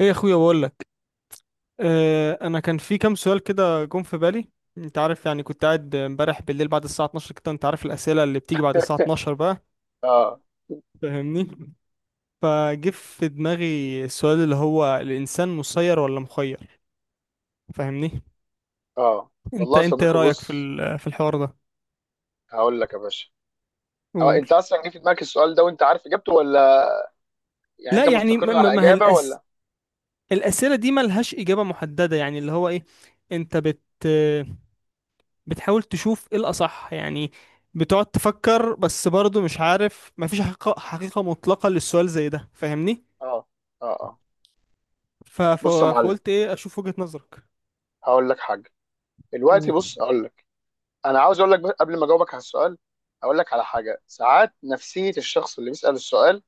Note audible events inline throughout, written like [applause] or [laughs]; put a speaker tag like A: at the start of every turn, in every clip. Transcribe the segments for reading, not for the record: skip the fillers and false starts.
A: ايه يا اخويا بقول لك. انا كان في كام سؤال كده جم في بالي. انت عارف يعني كنت قاعد امبارح بالليل بعد الساعه 12 كده، انت عارف الاسئله اللي بتيجي بعد الساعه 12 بقى،
B: اه
A: فاهمني؟ فجه في دماغي السؤال اللي هو الانسان مسير ولا مخير، فاهمني؟
B: اه، والله
A: انت
B: يا
A: انت ايه
B: صديقي.
A: رايك في
B: بص،
A: ال- في الحوار ده؟
B: هقول لك يا باشا. أو
A: قول.
B: انت اصلا جه في دماغك السؤال ده وانت عارف اجابته، ولا يعني
A: لا،
B: انت
A: يعني ما
B: مستقر
A: ما
B: على
A: ما هي
B: اجابه ولا؟
A: الاسئله دي ملهاش اجابه محدده يعني اللي هو ايه. انت بت بتحاول تشوف ايه الأصح يعني. بتقعد تفكر بس برضه مش عارف، مفيش حقيقة مطلقة للسؤال زي ده، فاهمني؟
B: اه اه اه.
A: ف... ف...
B: بص يا معلم،
A: فقلت ايه اشوف وجهة نظرك.
B: هقول لك حاجه. دلوقتي
A: قول.
B: بص هقول لك، انا عاوز اقول لك بس قبل ما اجاوبك على السؤال، هقول لك على حاجه. ساعات نفسيه الشخص اللي بيسال السؤال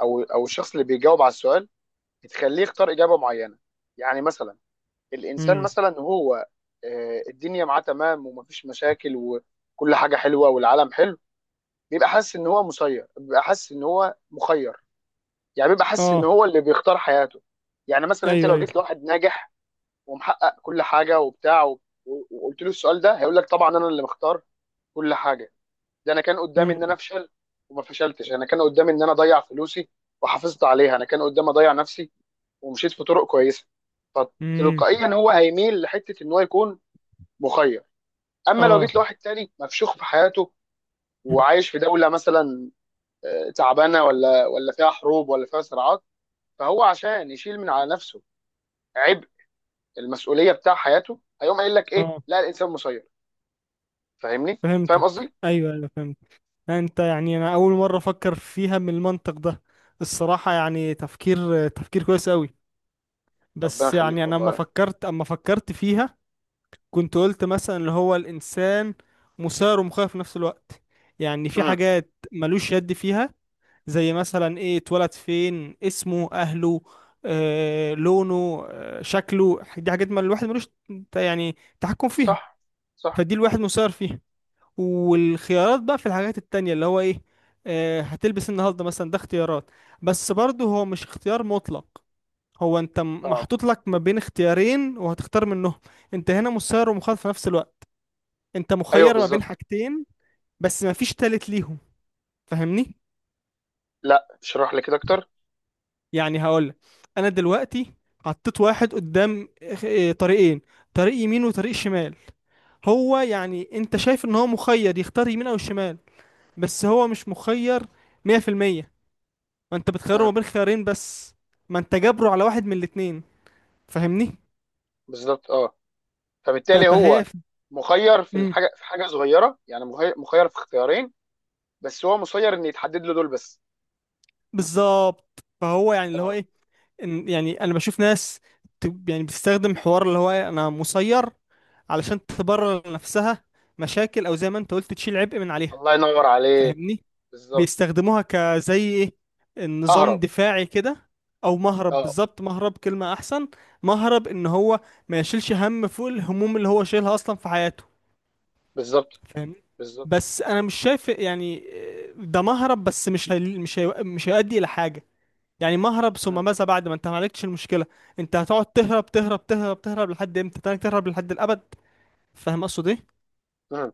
B: او الشخص اللي بيجاوب على السؤال بتخليه يختار اجابه معينه. يعني مثلا الانسان
A: امم.
B: مثلا هو الدنيا معاه تمام ومفيش مشاكل وكل حاجه حلوه والعالم حلو، بيبقى حاسس ان هو مسير، بيبقى حاسس ان هو مخير. يعني بيبقى حاسس ان
A: اه.
B: هو اللي بيختار حياته. يعني مثلا انت
A: ايوه
B: لو
A: ايوه.
B: جيت لواحد ناجح ومحقق كل حاجه وبتاع وقلت له السؤال ده، هيقول لك طبعا انا اللي مختار كل حاجه. ده انا كان قدامي
A: امم.
B: ان انا افشل وما فشلتش، انا كان قدامي ان انا اضيع فلوسي وحافظت عليها، انا كان قدامي اضيع نفسي ومشيت في طرق كويسه.
A: امم.
B: فتلقائيا هو هيميل لحته ان هو يكون مخير. اما لو
A: اه.
B: جيت لواحد تاني مفشوخ في حياته وعايش في دوله مثلا تعبانه ولا فيها حروب ولا فيها صراعات، فهو عشان يشيل من على نفسه عبء المسؤوليه بتاع حياته، هيقوم قايل لك ايه،
A: اه
B: لا الانسان مسير. فاهمني؟ فاهم
A: فهمتك،
B: قصدي؟
A: ايوه ايوه فهمت. انت يعني انا اول مرة افكر فيها من المنطق ده، الصراحة يعني تفكير، تفكير كويس قوي.
B: ربنا
A: بس يعني
B: يخليك
A: انا اما
B: والله.
A: فكرت اما فكرت فيها، كنت قلت مثلا اللي هو الانسان مثار ومخير في نفس الوقت. يعني في
B: امم.
A: حاجات ملوش يد فيها، زي مثلا ايه اتولد فين، اسمه، اهله، آه، لونه، آه، شكله، دي حاجات ما الواحد ملوش يعني تحكم فيها.
B: صح صح.
A: فدي الواحد مسير فيها، والخيارات بقى في الحاجات التانية اللي هو ايه، آه، هتلبس النهارده مثلا، ده اختيارات. بس برضه هو مش اختيار مطلق، هو انت
B: اه
A: محطوط لك ما بين اختيارين وهتختار منهم. انت هنا مسير ومخاطر في نفس الوقت، انت
B: ايوه
A: مخير ما بين
B: بالظبط.
A: حاجتين بس، ما فيش تالت ليهم، فاهمني؟
B: لا اشرح لي كده اكتر.
A: يعني هقولك، انا دلوقتي حطيت واحد قدام، اه، طريقين: طريق يمين وطريق شمال. هو يعني انت شايف ان هو مخير يختار يمين او شمال، بس هو مش مخير 100%. ما انت بتخيره ما
B: امم.
A: بين خيارين بس، ما انت جابره على واحد من الاتنين، فاهمني؟
B: بالظبط اه. فبالتالي هو
A: فهي.
B: مخير في
A: امم.
B: الحاجه، في حاجه صغيره، يعني مخير مخير في اختيارين بس، هو مسير ان يتحدد له دول بس.
A: بالظبط، فهو يعني اللي هو
B: اه.
A: ايه، ان يعني انا بشوف ناس يعني بتستخدم حوار اللي هو إيه، انا مسير، علشان تبرر لنفسها مشاكل او زي ما انت قلت تشيل عبء من عليها،
B: الله ينور عليك.
A: فاهمني؟
B: بالظبط.
A: بيستخدموها كزي ايه، النظام
B: اهرب.
A: دفاعي كده. او مهرب،
B: اه
A: بالظبط، مهرب كلمة احسن. مهرب ان هو ما يشيلش هم فوق الهموم اللي هو شايلها اصلا في حياته،
B: بالظبط.
A: فاهمني؟
B: بالظبط.
A: بس انا مش شايف يعني، آه، ده مهرب بس مش هيؤدي الى حاجة. يعني مهرب ثم ماذا؟ بعد ما انت ما عالجتش المشكلة، انت هتقعد تهرب تهرب تهرب تهرب لحد امتى؟ تهرب تهرب لحد الابد؟ فاهم اقصد ايه؟
B: مم.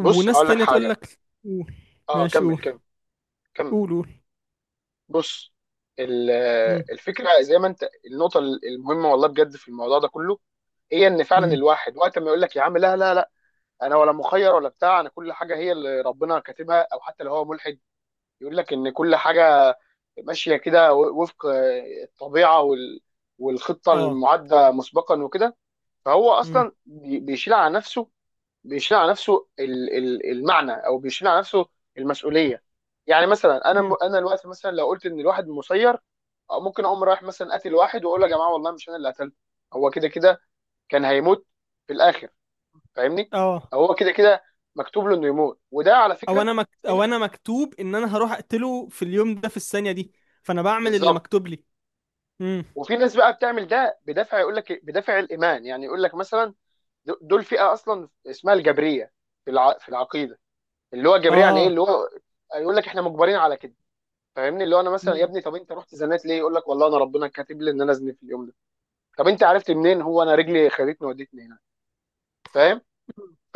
B: بص هقول لك
A: تانية تقول
B: حاجه.
A: لك. قول.
B: اه
A: ماشي
B: كمل
A: قول.
B: كمل كمل.
A: قول قول.
B: بص، ال-
A: مم.
B: الفكره زي ما انت النقطه المهمه والله بجد في الموضوع ده كله، هي ان فعلا
A: مم.
B: الواحد وقت ما يقول لك يا عم لا لا لا، انا ولا مخير ولا بتاع، انا كل حاجه هي اللي ربنا كاتبها، او حتى لو هو ملحد يقول لك ان كل حاجه ماشيه كده وفق الطبيعه والخطه
A: اه.
B: المعده مسبقا وكده، فهو
A: مم.
B: اصلا بيشيل على نفسه، بيشيل على نفسه المعنى، او بيشيل على نفسه المسؤوليه. يعني مثلا انا
A: مم.
B: انا دلوقتي مثلا لو قلت ان الواحد مسير، أو ممكن اقوم رايح مثلا قاتل واحد واقول له يا جماعه والله مش انا اللي قتلته، هو كده كده كان هيموت في الاخر. فاهمني؟
A: اه.
B: هو كده كده مكتوب له انه يموت، وده على فكره في ن-
A: او انا مكتوب ان انا هروح اقتله في اليوم ده في الثانية دي، فانا بعمل اللي
B: بالظبط.
A: مكتوب لي. مم.
B: وفي ناس بقى بتعمل ده بدافع، يقول لك إيه؟ بدافع الايمان. يعني يقول لك مثلا دول فئه اصلا اسمها الجبريه في العقيده، اللي هو الجبريه يعني ايه، اللي
A: اه.
B: هو يقول لك احنا مجبرين على كده. فاهمني؟ اللي هو انا مثلا، يا
A: مم.
B: ابني طب انت رحت زنات ليه؟ يقول لك والله انا ربنا كاتب لي ان انا ازني في اليوم ده. طب انت عرفت منين؟ هو انا رجلي خدتني ودتني هنا. فاهم؟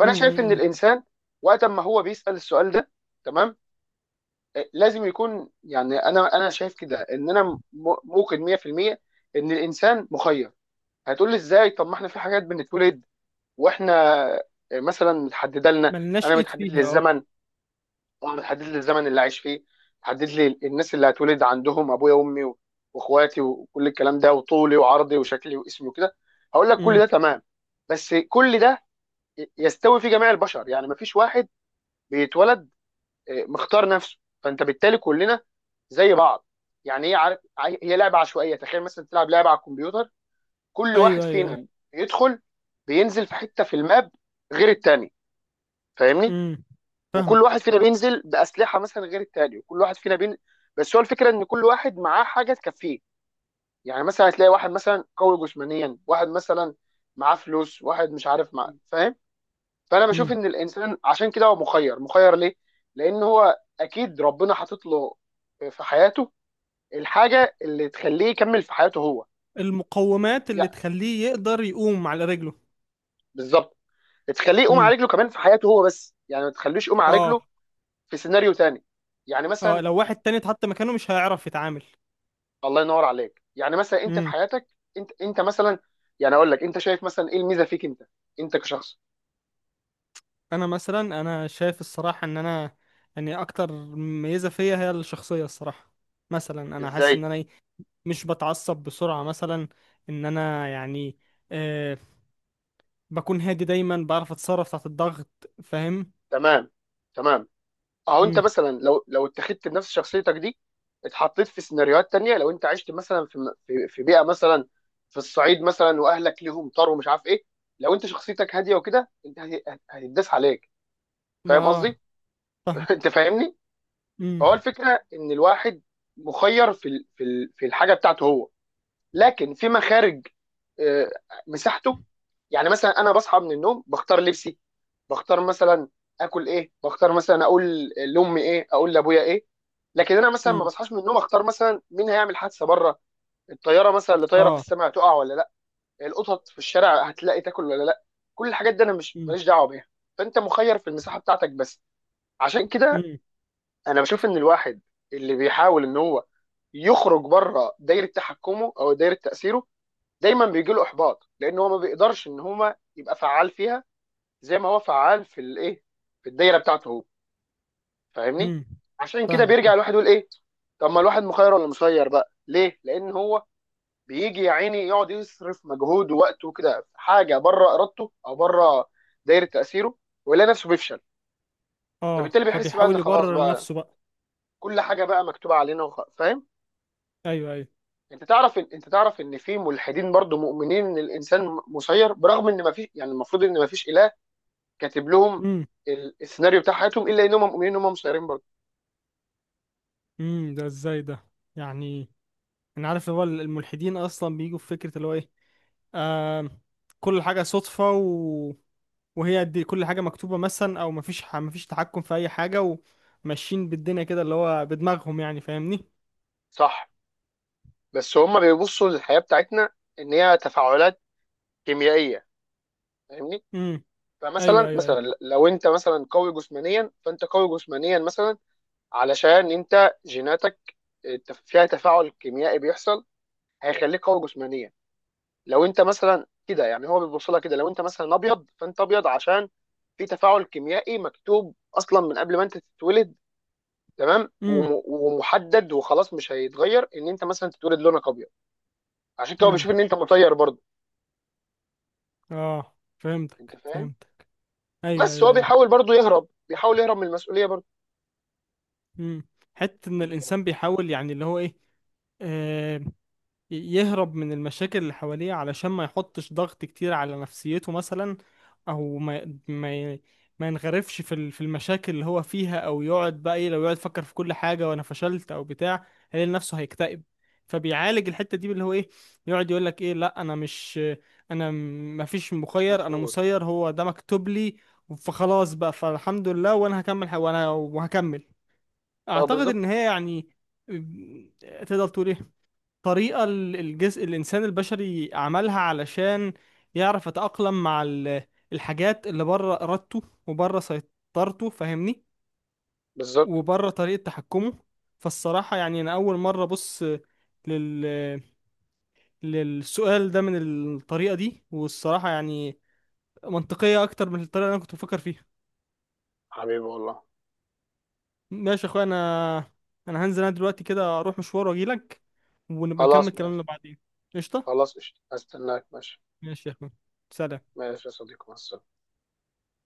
A: مم.
B: شايف ان
A: مم.
B: الانسان وقت ما هو بيسأل السؤال ده، تمام، لازم يكون، يعني انا شايف كده ان انا موقن 100% ان الانسان مخير. هتقول لي ازاي؟ طب ما احنا في حاجات بنتولد واحنا مثلا متحدده لنا.
A: ملناش
B: انا
A: ايد
B: متحدد لي
A: فيها، اه.
B: الزمن، طبعا بتحدد لي الزمن اللي عايش فيه، بتحدد لي الناس اللي هتولد عندهم، ابويا وامي واخواتي وكل الكلام ده، وطولي وعرضي وشكلي واسمي وكده. هقول لك كل
A: مم.
B: ده تمام، بس كل ده يستوي في جميع البشر. يعني مفيش واحد بيتولد مختار نفسه. فانت بالتالي كلنا زي بعض. يعني هي، عارف هي لعبه عشوائيه. تخيل مثلا تلعب لعبه على الكمبيوتر، كل واحد
A: ايوه ايوه ايوه.
B: فينا يدخل بينزل في حته في الماب غير التاني. فاهمني؟
A: مم. فاهم.
B: وكل واحد فينا بينزل باسلحه مثلا غير التاني، وكل واحد فينا بس هو الفكره ان كل واحد معاه حاجه تكفيه. يعني مثلا هتلاقي واحد مثلا قوي جسمانيا، واحد مثلا معاه فلوس، واحد مش عارف مع، فاهم؟ فانا بشوف
A: مم.
B: ان الانسان عشان كده هو مخير. مخير ليه؟ لان هو اكيد ربنا حاطط له في حياته الحاجه اللي تخليه يكمل في حياته هو.
A: المقومات
B: يا
A: اللي تخليه يقدر يقوم على رجله.
B: بالظبط. تخليه يقوم
A: مم.
B: على رجله كمان في حياته هو، بس يعني ما تخلوش يقوم على
A: اه.
B: رجله في سيناريو تاني. يعني
A: اه،
B: مثلا
A: لو واحد تاني اتحط مكانه مش هيعرف يتعامل.
B: الله ينور عليك، يعني مثلا انت في حياتك، انت مثلا، يعني اقول لك، انت شايف مثلا ايه الميزه فيك انت، انت كشخص؟
A: انا شايف الصراحه ان انا يعني اكتر ميزه فيا هي الشخصيه. الصراحه مثلا انا حاسس
B: ازاي؟
A: ان انا إيه، مش بتعصب بسرعه مثلا، ان انا يعني آه، بكون هادي دايما، بعرف اتصرف تحت الضغط، فاهم؟
B: تمام تمام. اهو انت
A: امم.
B: مثلا لو اتخذت بنفس شخصيتك دي، اتحطيت في سيناريوهات تانية، لو انت عشت مثلا في بيئه مثلا، في الصعيد مثلا، واهلك ليهم طار ومش عارف ايه، لو انت شخصيتك هاديه وكده، انت هتتداس عليك. فاهم
A: اه.
B: قصدي؟
A: فاهم.
B: [laughs] انت فاهمني؟
A: امم.
B: فهو الفكره ان الواحد مخير في الحاجه بتاعته هو، لكن في مخارج، آه، مساحته. يعني مثلا انا بصحى من النوم بختار لبسي، بختار مثلا اكل ايه، بختار مثلا اقول لامي ايه، اقول لابويا ايه. لكن انا مثلا ما
A: امم.
B: بصحاش من النوم اختار مثلا مين هيعمل حادثه بره، الطياره مثلا اللي طايره في
A: اه.
B: السماء تقع ولا لا، القطط في الشارع هتلاقي تاكل ولا لا. كل الحاجات دي انا مش،
A: امم.
B: ماليش دعوه بيها. فانت مخير في المساحه بتاعتك بس. عشان كده
A: امم.
B: انا بشوف ان الواحد اللي بيحاول ان هو يخرج بره دايره تحكمه او دايره تاثيره، دايما بيجي له احباط، لان هو ما بيقدرش ان هو يبقى فعال فيها زي ما هو فعال في الايه، في الدايره بتاعته هو. فاهمني؟
A: امم.
B: عشان كده
A: فاهمك
B: بيرجع
A: فاهم.
B: الواحد يقول ايه، طب ما الواحد مخير ولا مسير بقى؟ ليه؟ لان هو بيجي يا عيني يقعد يصرف مجهود ووقته كده في حاجه بره ارادته او بره دايره تاثيره، ويلاقي نفسه بيفشل،
A: اه،
B: فبالتالي بيحس بقى ان
A: فبيحاول
B: خلاص
A: يبرر
B: بقى،
A: لنفسه بقى.
B: كل حاجه بقى مكتوبه علينا فاهم؟
A: ايوه ايوه.
B: انت تعرف ان في ملحدين برضو مؤمنين ان الانسان مسير، برغم ان ما فيش، يعني المفروض ان ما فيش اله كاتب لهم
A: امم.
B: السيناريو بتاع حياتهم، الا انهم مؤمنين ان هم مسيرين برضه.
A: امم، ده ازاي ده؟ يعني انا عارف اللي هو الملحدين اصلا بيجوا في فكره اللي هو ايه، آه، كل حاجة صدفة، وهي دي كل حاجة مكتوبة مثلا، أو مفيش مفيش تحكم في أي حاجة. وماشيين بالدنيا كده اللي هو بدماغهم يعني، فاهمني؟
B: صح. بس هم بيبصوا للحياه بتاعتنا ان هي تفاعلات كيميائيه. فاهمني؟
A: امم. أيوه
B: فمثلا،
A: أيوه أيوه.
B: مثلا لو انت مثلا قوي جسمانيا، فانت قوي جسمانيا مثلا علشان انت جيناتك فيها تفاعل كيميائي بيحصل هيخليك قوي جسمانيا. لو انت مثلا كده، يعني هو بيبص لها كده، لو انت مثلا ابيض، فانت ابيض عشان في تفاعل كيميائي مكتوب اصلا من قبل ما انت تتولد، تمام،
A: امم.
B: ومحدد وخلاص مش هيتغير، ان انت مثلا تتولد لونك ابيض. عشان كده هو
A: امم.
B: بيشوف ان انت مطير برضه.
A: آه
B: انت
A: فهمتك
B: فاهم؟
A: فهمتك. أيوه
B: بس هو
A: أيوه أيوه.
B: بيحاول برضه يهرب، بيحاول يهرب من المسؤوليه برضه.
A: امم. حتة إن
B: انت
A: الإنسان بيحاول يعني اللي هو إيه، يهرب من المشاكل اللي حواليه علشان ما يحطش ضغط كتير على نفسيته مثلا. او ما ينغرفش في في المشاكل اللي هو فيها، او يقعد بقى ايه، لو يقعد يفكر في كل حاجه وانا فشلت او بتاع، هيلاقي نفسه هيكتئب. فبيعالج الحته دي اللي هو ايه، يقعد يقول لك ايه، لا انا ما فيش
B: مش
A: مخير، انا
B: مسؤول.
A: مسير، هو ده مكتوب لي، فخلاص بقى، فالحمد لله، وانا هكمل، وانا وهكمل.
B: اه
A: اعتقد
B: بالظبط
A: ان هي يعني تقدر تقول ايه، طريقة الجزء الإنسان البشري عملها علشان يعرف يتأقلم مع الحاجات اللي بره إرادته وبره سيطرته، فاهمني؟
B: بالظبط.
A: وبره طريقة تحكمه. فالصراحة يعني أنا أول مرة أبص لل... للسؤال ده من الطريقة دي، والصراحة يعني منطقية أكتر من الطريقة اللي أنا كنت بفكر فيها.
B: حبيبي والله.
A: ماشي يا أخويا، أنا هنزل، أنا دلوقتي كده أروح مشوار وأجيلك، ونبقى نكمل
B: خلاص ماشي.
A: كلامنا بعدين. قشطة.
B: خلاص قشطة. هستناك. ماشي
A: ماشي يا أخويا، سلام.
B: ماشي يا صديقي، مع السلامه.